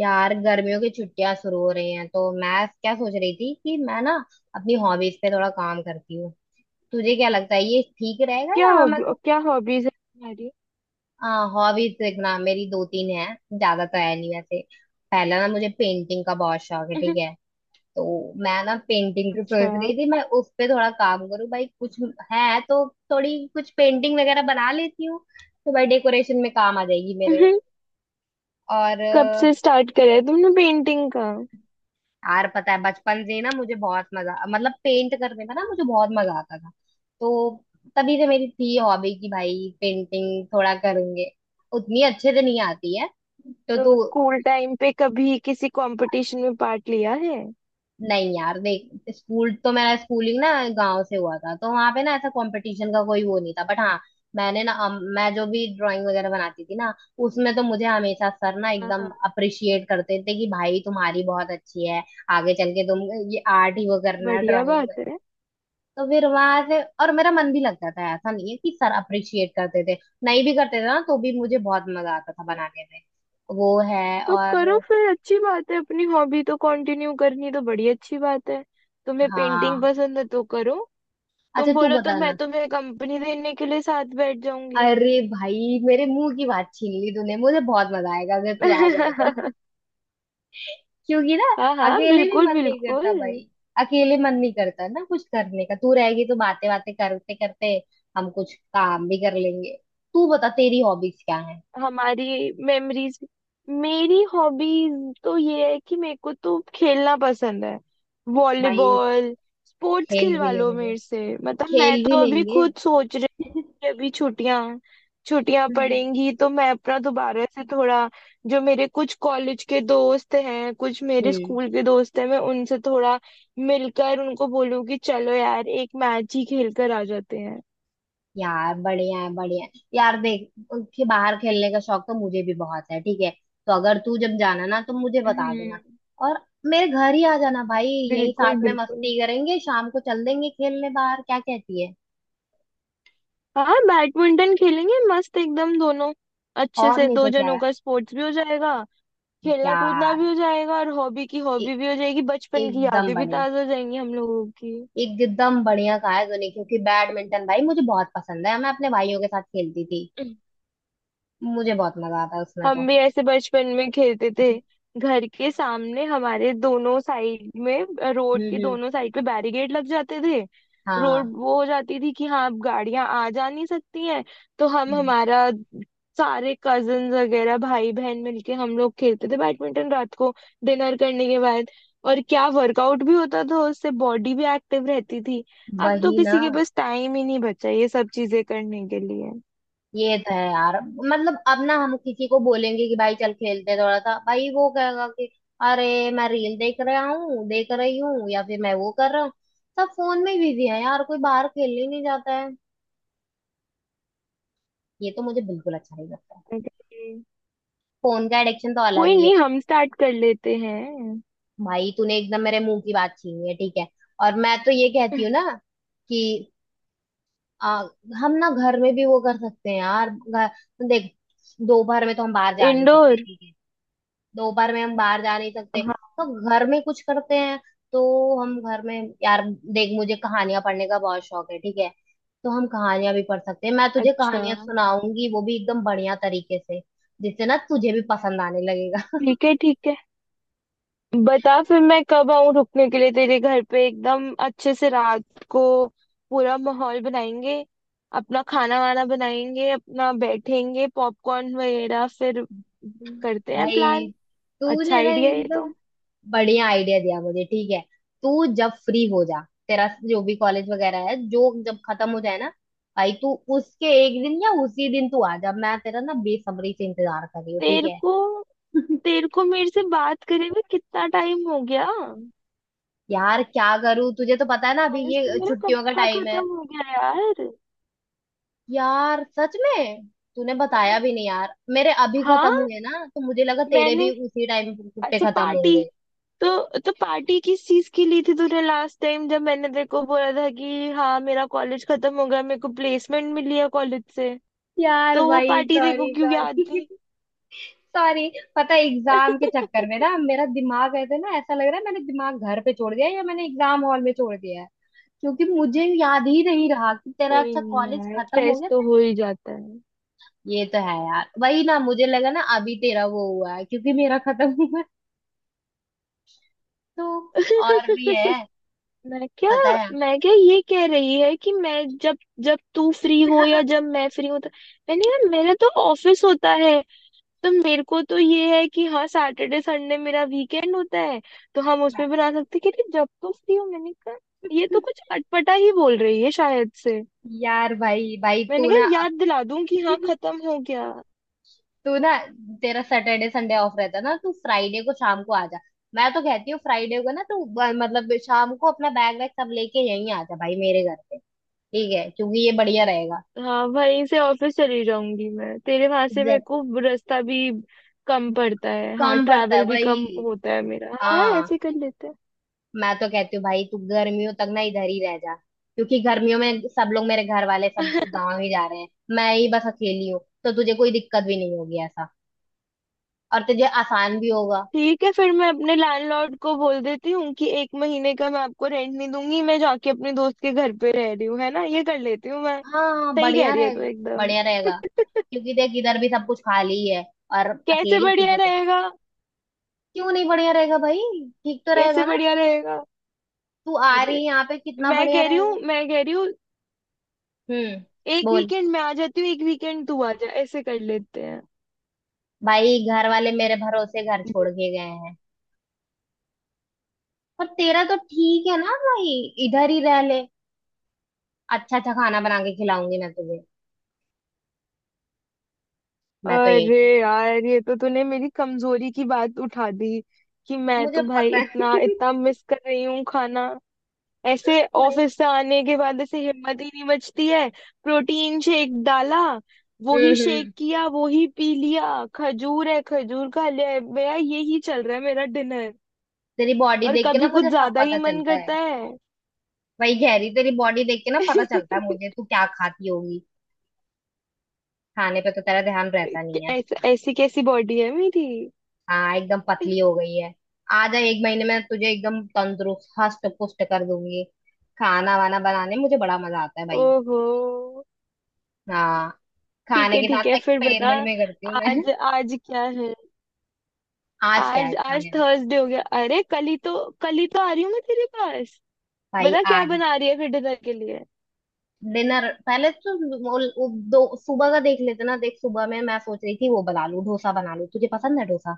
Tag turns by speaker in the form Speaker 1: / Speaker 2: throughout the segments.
Speaker 1: यार गर्मियों की छुट्टियां शुरू हो रही हैं, तो मैं क्या सोच रही थी कि मैं ना अपनी हॉबीज पे थोड़ा काम करती हूँ। तुझे क्या लगता है ये ठीक रहेगा या मैं?
Speaker 2: क्या हॉबीज है तुम्हारी?
Speaker 1: हॉबीज देखना, मेरी दो तीन है। ज्यादा तो है नहीं वैसे। पहला ना, मुझे पेंटिंग का बहुत शौक है, ठीक है। तो मैं ना पेंटिंग की
Speaker 2: अच्छा।
Speaker 1: सोच रही थी, मैं उस पे थोड़ा काम करूँ। भाई कुछ है तो थोड़ी कुछ पेंटिंग वगैरह बना लेती हूँ, तो भाई डेकोरेशन में काम आ जाएगी मेरे।
Speaker 2: कब
Speaker 1: और
Speaker 2: से स्टार्ट करा है तुमने पेंटिंग का?
Speaker 1: यार पता है, बचपन से ही ना मुझे बहुत मजा, मतलब पेंट करने में ना मुझे बहुत मजा आता था। तो तभी से मेरी थी हॉबी कि भाई पेंटिंग थोड़ा करूंगे। उतनी अच्छे से नहीं आती है तो
Speaker 2: तो
Speaker 1: तू।
Speaker 2: स्कूल टाइम पे कभी किसी कंपटीशन में पार्ट लिया है?
Speaker 1: नहीं यार देख, स्कूल तो मेरा, स्कूलिंग ना गांव से हुआ था, तो वहां पे ना ऐसा कंपटीशन का कोई वो नहीं था। बट हाँ, मैंने ना मैं जो भी ड्राइंग वगैरह बनाती थी ना, उसमें तो मुझे हमेशा सर ना
Speaker 2: हाँ
Speaker 1: एकदम
Speaker 2: हाँ,
Speaker 1: अप्रिशिएट करते थे कि भाई तुम्हारी बहुत अच्छी है। आगे चल के तुम ये आर्ट ही वो करना,
Speaker 2: बढ़िया
Speaker 1: ड्राइंग।
Speaker 2: बात है।
Speaker 1: तो फिर वहां से और मेरा मन भी लगता था। ऐसा नहीं है कि सर अप्रिशिएट करते थे, नहीं भी करते थे ना तो भी मुझे बहुत मजा आता था बनाने में। वो है।
Speaker 2: तो करो
Speaker 1: और
Speaker 2: फिर, अच्छी बात है अपनी हॉबी तो कंटिन्यू करनी, तो बड़ी अच्छी बात है। तुम्हें पेंटिंग
Speaker 1: हाँ,
Speaker 2: पसंद है तो करो।
Speaker 1: अच्छा,
Speaker 2: तुम
Speaker 1: तू
Speaker 2: बोलो तो मैं
Speaker 1: बताना।
Speaker 2: तुम्हें कंपनी देने के लिए साथ बैठ जाऊंगी।
Speaker 1: अरे भाई, मेरे मुंह की बात छीन ली तूने। मुझे बहुत मजा आएगा अगर तू आ जाए तो। क्योंकि ना
Speaker 2: हाँ हाँ,
Speaker 1: अकेले भी
Speaker 2: बिल्कुल
Speaker 1: मन नहीं करता
Speaker 2: बिल्कुल।
Speaker 1: भाई। अकेले मन नहीं करता ना कुछ करने का। तू रहेगी तो बातें बातें करते करते हम कुछ काम भी कर लेंगे। तू बता तेरी हॉबीज क्या है?
Speaker 2: हमारी मेमोरीज, मेरी हॉबीज तो ये है कि मेरे को तो खेलना पसंद है,
Speaker 1: भाई
Speaker 2: वॉलीबॉल, स्पोर्ट्स
Speaker 1: खेल भी
Speaker 2: खिलवा लो
Speaker 1: लेंगे,
Speaker 2: मेरे से, मतलब मैं
Speaker 1: खेल भी
Speaker 2: तो अभी
Speaker 1: लेंगे।
Speaker 2: खुद सोच रही हूँ कि अभी छुट्टियां छुट्टियां
Speaker 1: हम्म।
Speaker 2: पड़ेंगी तो मैं अपना दोबारा से थोड़ा, जो मेरे कुछ कॉलेज के दोस्त हैं, कुछ मेरे स्कूल के दोस्त हैं, मैं उनसे थोड़ा मिलकर उनको बोलूँ कि चलो यार एक मैच ही खेल कर आ जाते हैं।
Speaker 1: यार बढ़िया है, बढ़िया है। यार देख, के बाहर खेलने का शौक तो मुझे भी बहुत है, ठीक है। तो अगर तू जब जाना ना तो मुझे बता देना।
Speaker 2: हम्म,
Speaker 1: और मेरे घर ही आ जाना भाई। यही
Speaker 2: बिल्कुल
Speaker 1: साथ में
Speaker 2: बिल्कुल।
Speaker 1: मस्ती करेंगे, शाम को चल देंगे खेलने बाहर। क्या कहती है?
Speaker 2: हाँ बैडमिंटन खेलेंगे मस्त एकदम दोनों अच्छे
Speaker 1: और
Speaker 2: से,
Speaker 1: नहीं
Speaker 2: दो
Speaker 1: तो क्या।
Speaker 2: जनों का स्पोर्ट्स भी हो जाएगा। खेलना कूदना
Speaker 1: यार
Speaker 2: भी हो जाएगा और हॉबी की
Speaker 1: ए,
Speaker 2: हॉबी भी हो जाएगी, बचपन की
Speaker 1: एकदम
Speaker 2: यादें भी
Speaker 1: बढ़िया।
Speaker 2: ताजा हो जाएंगी हम लोगों की।
Speaker 1: एकदम बढ़िया कहा है तूने, क्योंकि बैडमिंटन भाई मुझे बहुत पसंद है। मैं अपने भाइयों के साथ खेलती थी। मुझे बहुत मजा आता है उसमें
Speaker 2: हम
Speaker 1: तो।
Speaker 2: भी ऐसे बचपन में खेलते थे, घर के सामने हमारे दोनों साइड में, रोड के
Speaker 1: हम्म।
Speaker 2: दोनों साइड पे बैरिकेड लग जाते थे। रोड
Speaker 1: हाँ।
Speaker 2: वो हो जाती थी कि हाँ अब गाड़ियां आ जा नहीं सकती हैं, तो हम हमारा सारे कजन वगैरह भाई बहन मिलके हम लोग खेलते थे बैडमिंटन रात को डिनर करने के बाद। और क्या वर्कआउट भी होता था, उससे बॉडी भी एक्टिव रहती थी। अब तो
Speaker 1: वही ना।
Speaker 2: किसी के पास टाइम ही नहीं बचा ये सब चीजें करने के लिए।
Speaker 1: ये तो है यार। मतलब अब ना हम किसी को बोलेंगे कि भाई चल खेलते हैं थोड़ा सा, भाई वो कहेगा कि अरे मैं रील देख रहा हूँ, देख रही हूँ, या फिर मैं वो कर रहा हूँ। सब फोन में बिजी है यार, कोई बाहर खेलने ही नहीं जाता है। ये तो मुझे बिल्कुल अच्छा नहीं लगता है।
Speaker 2: अरे
Speaker 1: फोन का एडिक्शन तो अलग
Speaker 2: कोई
Speaker 1: ही है।
Speaker 2: नहीं, हम स्टार्ट कर लेते हैं।
Speaker 1: भाई तूने एकदम मेरे मुंह की बात छीनी है, ठीक है। और मैं तो ये कहती हूँ ना कि आ, हम ना घर में भी वो कर सकते हैं यार। घर, देख दोपहर में तो हम बाहर जा नहीं
Speaker 2: इंडोर।
Speaker 1: सकते, ठीक है। दोपहर में हम बाहर जा नहीं सकते
Speaker 2: हाँ।
Speaker 1: तो घर में कुछ करते हैं। तो हम घर में, यार देख, मुझे कहानियां पढ़ने का बहुत शौक है, ठीक है। तो हम कहानियां भी पढ़ सकते हैं। मैं तुझे
Speaker 2: अच्छा।
Speaker 1: कहानियां सुनाऊंगी वो भी एकदम बढ़िया तरीके से, जिससे ना तुझे भी पसंद आने लगेगा।
Speaker 2: ठीक है ठीक है, बता फिर मैं कब आऊँ रुकने के लिए तेरे घर पे, एकदम अच्छे से रात को पूरा माहौल बनाएंगे, अपना खाना वाना बनाएंगे अपना, बैठेंगे पॉपकॉर्न वगैरह, फिर करते हैं प्लान।
Speaker 1: भाई
Speaker 2: अच्छा
Speaker 1: तूने ना
Speaker 2: आइडिया है ये तो।
Speaker 1: एकदम बढ़िया आइडिया दिया मुझे, ठीक है। तू जब फ्री हो जा, तेरा जो भी कॉलेज वगैरह है जो, जब खत्म हो जाए ना भाई, तू उसके एक दिन या उसी दिन तू आ जा। मैं तेरा ना बेसब्री से इंतजार कर रही हूँ, ठीक
Speaker 2: तेरे
Speaker 1: है।
Speaker 2: को तेरे को मेरे से बात करे हुए कितना टाइम हो गया?
Speaker 1: यार क्या करूं, तुझे तो पता है ना अभी
Speaker 2: कॉलेज तो
Speaker 1: ये
Speaker 2: मेरा कब
Speaker 1: छुट्टियों का
Speaker 2: का
Speaker 1: टाइम है।
Speaker 2: खत्म हो गया यार।
Speaker 1: यार सच में तूने बताया
Speaker 2: मेरा,
Speaker 1: भी नहीं यार। मेरे अभी
Speaker 2: हाँ
Speaker 1: खत्म हुए ना तो मुझे लगा तेरे भी
Speaker 2: मैंने,
Speaker 1: उसी टाइम पे
Speaker 2: अच्छा
Speaker 1: खत्म
Speaker 2: पार्टी,
Speaker 1: होंगे।
Speaker 2: तो पार्टी किस चीज की ली थी तूने लास्ट टाइम, जब मैंने तेरे को बोला था कि हाँ मेरा कॉलेज खत्म हो गया, मेरे को प्लेसमेंट मिली है कॉलेज से,
Speaker 1: यार
Speaker 2: तो वो
Speaker 1: भाई,
Speaker 2: पार्टी तेरे को
Speaker 1: सॉरी
Speaker 2: क्यों याद
Speaker 1: सॉरी
Speaker 2: थी?
Speaker 1: सॉरी पता है, एग्जाम के चक्कर में ना मेरा दिमाग ऐसे ना, ऐसा लग रहा है मैंने दिमाग घर पे छोड़ दिया है, या मैंने एग्जाम हॉल में छोड़ दिया है। क्योंकि मुझे याद ही नहीं रहा कि तेरा,
Speaker 2: कोई
Speaker 1: अच्छा,
Speaker 2: नहीं
Speaker 1: कॉलेज
Speaker 2: यार,
Speaker 1: खत्म हो
Speaker 2: स्ट्रेस
Speaker 1: गया
Speaker 2: तो
Speaker 1: था।
Speaker 2: हो ही जाता है।
Speaker 1: ये तो है यार। वही ना, मुझे लगा ना अभी तेरा वो हुआ है क्योंकि मेरा खत्म हुआ है तो। और भी है?
Speaker 2: मैं क्या
Speaker 1: पता है।
Speaker 2: मैं क्या, ये कह रही है कि मैं जब जब तू फ्री हो या जब मैं फ्री हूँ तो, मैंने यार मेरा तो ऑफिस होता है, तो मेरे को तो ये है कि हाँ सैटरडे संडे मेरा वीकेंड होता है, तो हम उसमें
Speaker 1: मैं-,
Speaker 2: बना सकते हैं। कह रही जब तुम फ्री हो, मैंने कहा ये तो कुछ अटपटा ही बोल रही है शायद से।
Speaker 1: यार भाई भाई तू
Speaker 2: मैंने कहा
Speaker 1: ना अब,
Speaker 2: याद दिला दूं कि हाँ खत्म हो गया।
Speaker 1: तू तेरा सैटरडे संडे ऑफ रहता है ना, तू फ्राइडे को शाम को आ जा। मैं तो कहती हूँ फ्राइडे को ना मतलब शाम को अपना बैग वैग सब लेके यहीं आ जा भाई मेरे घर पे, ठीक है, क्योंकि ये बढ़िया रहेगा।
Speaker 2: हाँ वहीं से ऑफिस चली जाऊंगी मैं, तेरे वहां से मेरे
Speaker 1: Exactly.
Speaker 2: को रास्ता भी कम पड़ता है, हाँ
Speaker 1: कम पड़ता है,
Speaker 2: ट्रैवल भी कम
Speaker 1: वही।
Speaker 2: होता है मेरा, हाँ
Speaker 1: हाँ,
Speaker 2: ऐसे कर लेते हैं।
Speaker 1: मैं तो कहती हूँ भाई तू गर्मियों तक ना इधर ही रह जा, क्योंकि गर्मियों में सब लोग, मेरे घर वाले सब गाँव ही जा रहे हैं। मैं ही बस अकेली हूँ, तो तुझे कोई दिक्कत भी नहीं होगी ऐसा। और तुझे आसान भी होगा।
Speaker 2: ठीक है फिर मैं अपने लैंडलॉर्ड को बोल देती हूँ कि एक महीने का मैं आपको रेंट नहीं दूंगी, मैं जाके अपने दोस्त के घर पे रह रही हूँ, है ना, ये कर लेती हूँ मैं।
Speaker 1: हाँ
Speaker 2: सही कह
Speaker 1: बढ़िया
Speaker 2: रही है तू
Speaker 1: रहेगा।
Speaker 2: एकदम।
Speaker 1: बढ़िया रहेगा क्योंकि देख, इधर भी सब कुछ खाली है। और
Speaker 2: कैसे
Speaker 1: अकेले
Speaker 2: बढ़िया
Speaker 1: तुझे तो।
Speaker 2: रहेगा?
Speaker 1: क्यों नहीं बढ़िया रहेगा भाई? ठीक तो रहेगा
Speaker 2: कैसे
Speaker 1: ना।
Speaker 2: बढ़िया रहेगा?
Speaker 1: तू आ रही
Speaker 2: अरे
Speaker 1: है यहाँ पे, कितना
Speaker 2: मैं
Speaker 1: बढ़िया
Speaker 2: कह रही
Speaker 1: रहेगा।
Speaker 2: हूँ, मैं कह रही हूँ
Speaker 1: हम्म।
Speaker 2: एक
Speaker 1: बोल।
Speaker 2: वीकेंड मैं आ जाती हूँ, एक वीकेंड तू आ जा, ऐसे कर लेते हैं।
Speaker 1: भाई घर वाले मेरे भरोसे घर छोड़ के गए हैं, पर तेरा तो ठीक है ना भाई, इधर ही रह ले। अच्छा अच्छा खाना बना के खिलाऊंगी मैं तुझे। मैं तो
Speaker 2: अरे
Speaker 1: यही।
Speaker 2: यार ये तो तूने मेरी कमजोरी की बात उठा दी कि मैं
Speaker 1: मुझे
Speaker 2: तो भाई
Speaker 1: पता है।
Speaker 2: इतना इतना मिस कर रही हूँ खाना। ऐसे
Speaker 1: भाई।
Speaker 2: ऑफिस से आने के बाद ऐसे हिम्मत ही नहीं बचती है, प्रोटीन शेक डाला, वो ही शेक
Speaker 1: हम्म।
Speaker 2: किया वो ही पी लिया, खजूर है खजूर खा लिया, मेरा यही चल रहा है मेरा डिनर।
Speaker 1: तेरी बॉडी
Speaker 2: और
Speaker 1: देख के ना
Speaker 2: कभी कुछ
Speaker 1: मुझे सब
Speaker 2: ज्यादा ही
Speaker 1: पता
Speaker 2: मन
Speaker 1: चलता है।
Speaker 2: करता है।
Speaker 1: वही गहरी, तेरी बॉडी देख के ना पता चलता है मुझे तू क्या खाती होगी। खाने पे तो तेरा ध्यान रहता
Speaker 2: कि
Speaker 1: नहीं है।
Speaker 2: ऐसा, ऐसी कैसी बॉडी है मेरी।
Speaker 1: हाँ एकदम पतली हो गई है। आ जा, एक महीने में तुझे एकदम तंदुरुस्त, हष्ट पुष्ट कर दूंगी। खाना वाना बनाने में मुझे बड़ा मजा आता है भाई।
Speaker 2: ओहो,
Speaker 1: हाँ, खाने के
Speaker 2: ठीक
Speaker 1: साथ
Speaker 2: है फिर बता,
Speaker 1: एक्सपेरिमेंट में करती हूँ मैं।
Speaker 2: आज आज क्या है?
Speaker 1: आज क्या है
Speaker 2: आज आज
Speaker 1: खाने में?
Speaker 2: थर्सडे हो गया, अरे कल ही तो, कल ही तो आ रही हूँ मैं तेरे पास।
Speaker 1: भाई
Speaker 2: बता क्या
Speaker 1: आज
Speaker 2: बना रही है फिर डिनर के लिए?
Speaker 1: डिनर, पहले तो वो दो, सुबह का देख लेते ना। देख सुबह में मैं सोच रही थी वो बना लूं, डोसा बना लूं। तुझे पसंद है डोसा?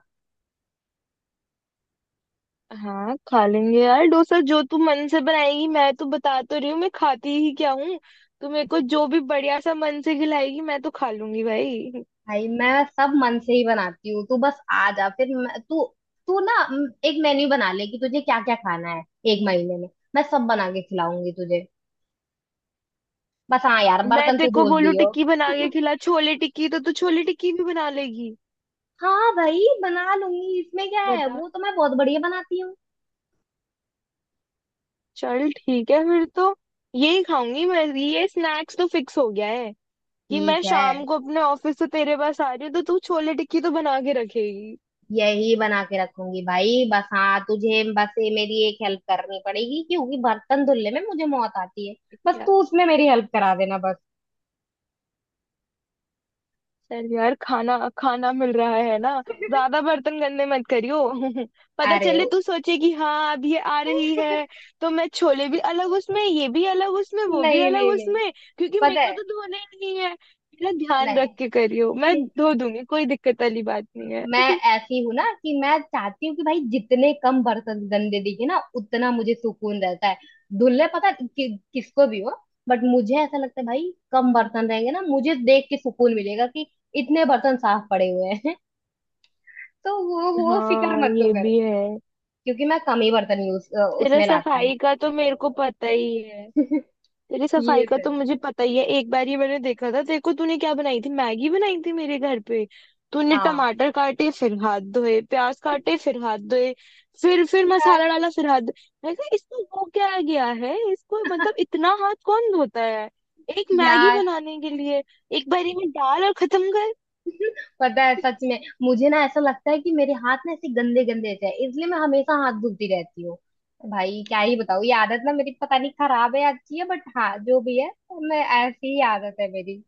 Speaker 2: हाँ खा लेंगे यार डोसा, जो तू मन से बनाएगी, मैं तो बता तो रही हूँ मैं खाती ही क्या हूँ। तू मेरे को जो भी बढ़िया सा मन से खिलाएगी मैं तो खा लूंगी भाई।
Speaker 1: भाई मैं सब मन से ही बनाती हूँ। तू बस आ जा, फिर मैं-, तू तू ना म, एक मेन्यू बना ले कि तुझे क्या क्या खाना है एक महीने में। मैं सब बना के खिलाऊंगी तुझे। बस हाँ यार,
Speaker 2: मैं
Speaker 1: बर्तन
Speaker 2: तेरे
Speaker 1: तू
Speaker 2: को
Speaker 1: धो
Speaker 2: बोलू
Speaker 1: दियो।
Speaker 2: टिक्की बना के खिला, छोले टिक्की, तो तू छोले टिक्की भी बना लेगी?
Speaker 1: हाँ भाई, बना लूंगी इसमें क्या है,
Speaker 2: बता।
Speaker 1: वो तो मैं बहुत बढ़िया बनाती हूँ।
Speaker 2: चल ठीक है फिर तो यही खाऊंगी मैं, ये स्नैक्स तो फिक्स हो गया है कि मैं
Speaker 1: ठीक है,
Speaker 2: शाम को अपने ऑफिस से तेरे पास आ रही हूँ तो तू छोले टिक्की तो बना के रखेगी।
Speaker 1: यही बना के रखूंगी भाई। बस हाँ, तुझे बस ये मेरी एक हेल्प करनी पड़ेगी, क्योंकि बर्तन धुलने में मुझे मौत आती है। बस
Speaker 2: क्या
Speaker 1: तू उसमें मेरी हेल्प करा देना, बस।
Speaker 2: चल यार खाना खाना मिल रहा है ना, ज्यादा बर्तन गंदे मत करियो। पता
Speaker 1: अरे।
Speaker 2: चले तू सोचे कि हाँ अब ये आ रही है तो मैं छोले भी अलग उसमें, ये भी अलग उसमें, वो भी
Speaker 1: नहीं
Speaker 2: अलग
Speaker 1: नहीं नहीं।
Speaker 2: उसमें, क्योंकि मेरे
Speaker 1: पता
Speaker 2: को
Speaker 1: है।
Speaker 2: तो धोने ही नहीं है। मेरा ध्यान रख
Speaker 1: नहीं।
Speaker 2: के करियो, मैं धो दूंगी, कोई दिक्कत वाली बात नहीं है।
Speaker 1: मैं ऐसी हूँ ना कि मैं चाहती हूँ कि भाई जितने कम बर्तन गंदे दिखे ना, उतना मुझे सुकून रहता है। धुलने पता कि, किसको भी हो, बट मुझे ऐसा लगता है भाई कम बर्तन रहेंगे ना, मुझे देख के सुकून मिलेगा कि इतने बर्तन साफ पड़े हुए हैं। तो वो फिक्र
Speaker 2: हाँ
Speaker 1: मत तो
Speaker 2: ये
Speaker 1: कर,
Speaker 2: भी है,
Speaker 1: क्योंकि मैं कम ही बर्तन यूज
Speaker 2: तेरा
Speaker 1: उसमें लाती हूँ।
Speaker 2: सफाई का तो मेरे को पता ही है। तेरी सफाई
Speaker 1: ये
Speaker 2: का
Speaker 1: तो
Speaker 2: तो
Speaker 1: है।
Speaker 2: मुझे पता ही है, एक बार ये मैंने देखा था, देखो तूने क्या बनाई थी, मैगी बनाई थी मेरे घर पे। तूने
Speaker 1: हाँ
Speaker 2: टमाटर काटे फिर हाथ धोए, प्याज काटे फिर हाथ धोए, फिर मसाला डाला फिर हाथ धोए। मैं कहा इसको हो क्या गया है इसको, मतलब इतना हाथ कौन धोता है एक मैगी
Speaker 1: यार
Speaker 2: बनाने के लिए? एक बारी में डाल और खत्म।
Speaker 1: पता है, सच में मुझे ना ऐसा लगता है कि मेरे हाथ ना ऐसे गंदे गंदे से है, इसलिए मैं हमेशा हाथ धोती रहती हूँ। भाई क्या ही बताऊँ, ये आदत ना मेरी पता नहीं खराब है या अच्छी है, बट हाँ जो भी है, मैं, ऐसी ही आदत है मेरी।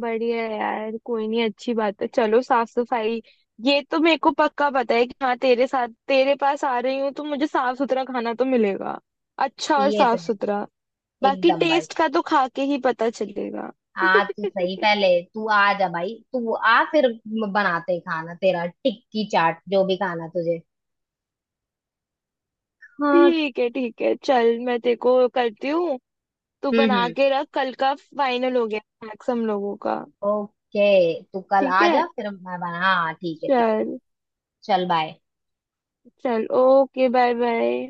Speaker 2: बढ़िया है यार, कोई नहीं अच्छी बात है चलो, साफ सफाई, ये तो मेरे को पक्का पता है कि हाँ तेरे साथ, तेरे पास आ रही हूँ तो मुझे साफ सुथरा खाना तो मिलेगा अच्छा, और
Speaker 1: ये
Speaker 2: साफ
Speaker 1: तो है।
Speaker 2: सुथरा। बाकी
Speaker 1: एकदम भाई।
Speaker 2: टेस्ट का तो खा के ही पता चलेगा।
Speaker 1: आ तू, सही, पहले तू आ जा भाई, तू आ फिर बनाते हैं खाना, तेरा टिक्की चाट जो भी खाना तुझे। हाँ।
Speaker 2: ठीक है चल, मैं तेरे को करती हूँ, तू बना
Speaker 1: हम्म।
Speaker 2: के रख, कल का फाइनल हो गया स्नैक्स हम लोगों का।
Speaker 1: ओके, तू कल
Speaker 2: ठीक
Speaker 1: आ
Speaker 2: है
Speaker 1: जा फिर मैं बना, हाँ ठीक है ठीक है।
Speaker 2: चल,
Speaker 1: चल बाय।
Speaker 2: चल ओके बाय बाय।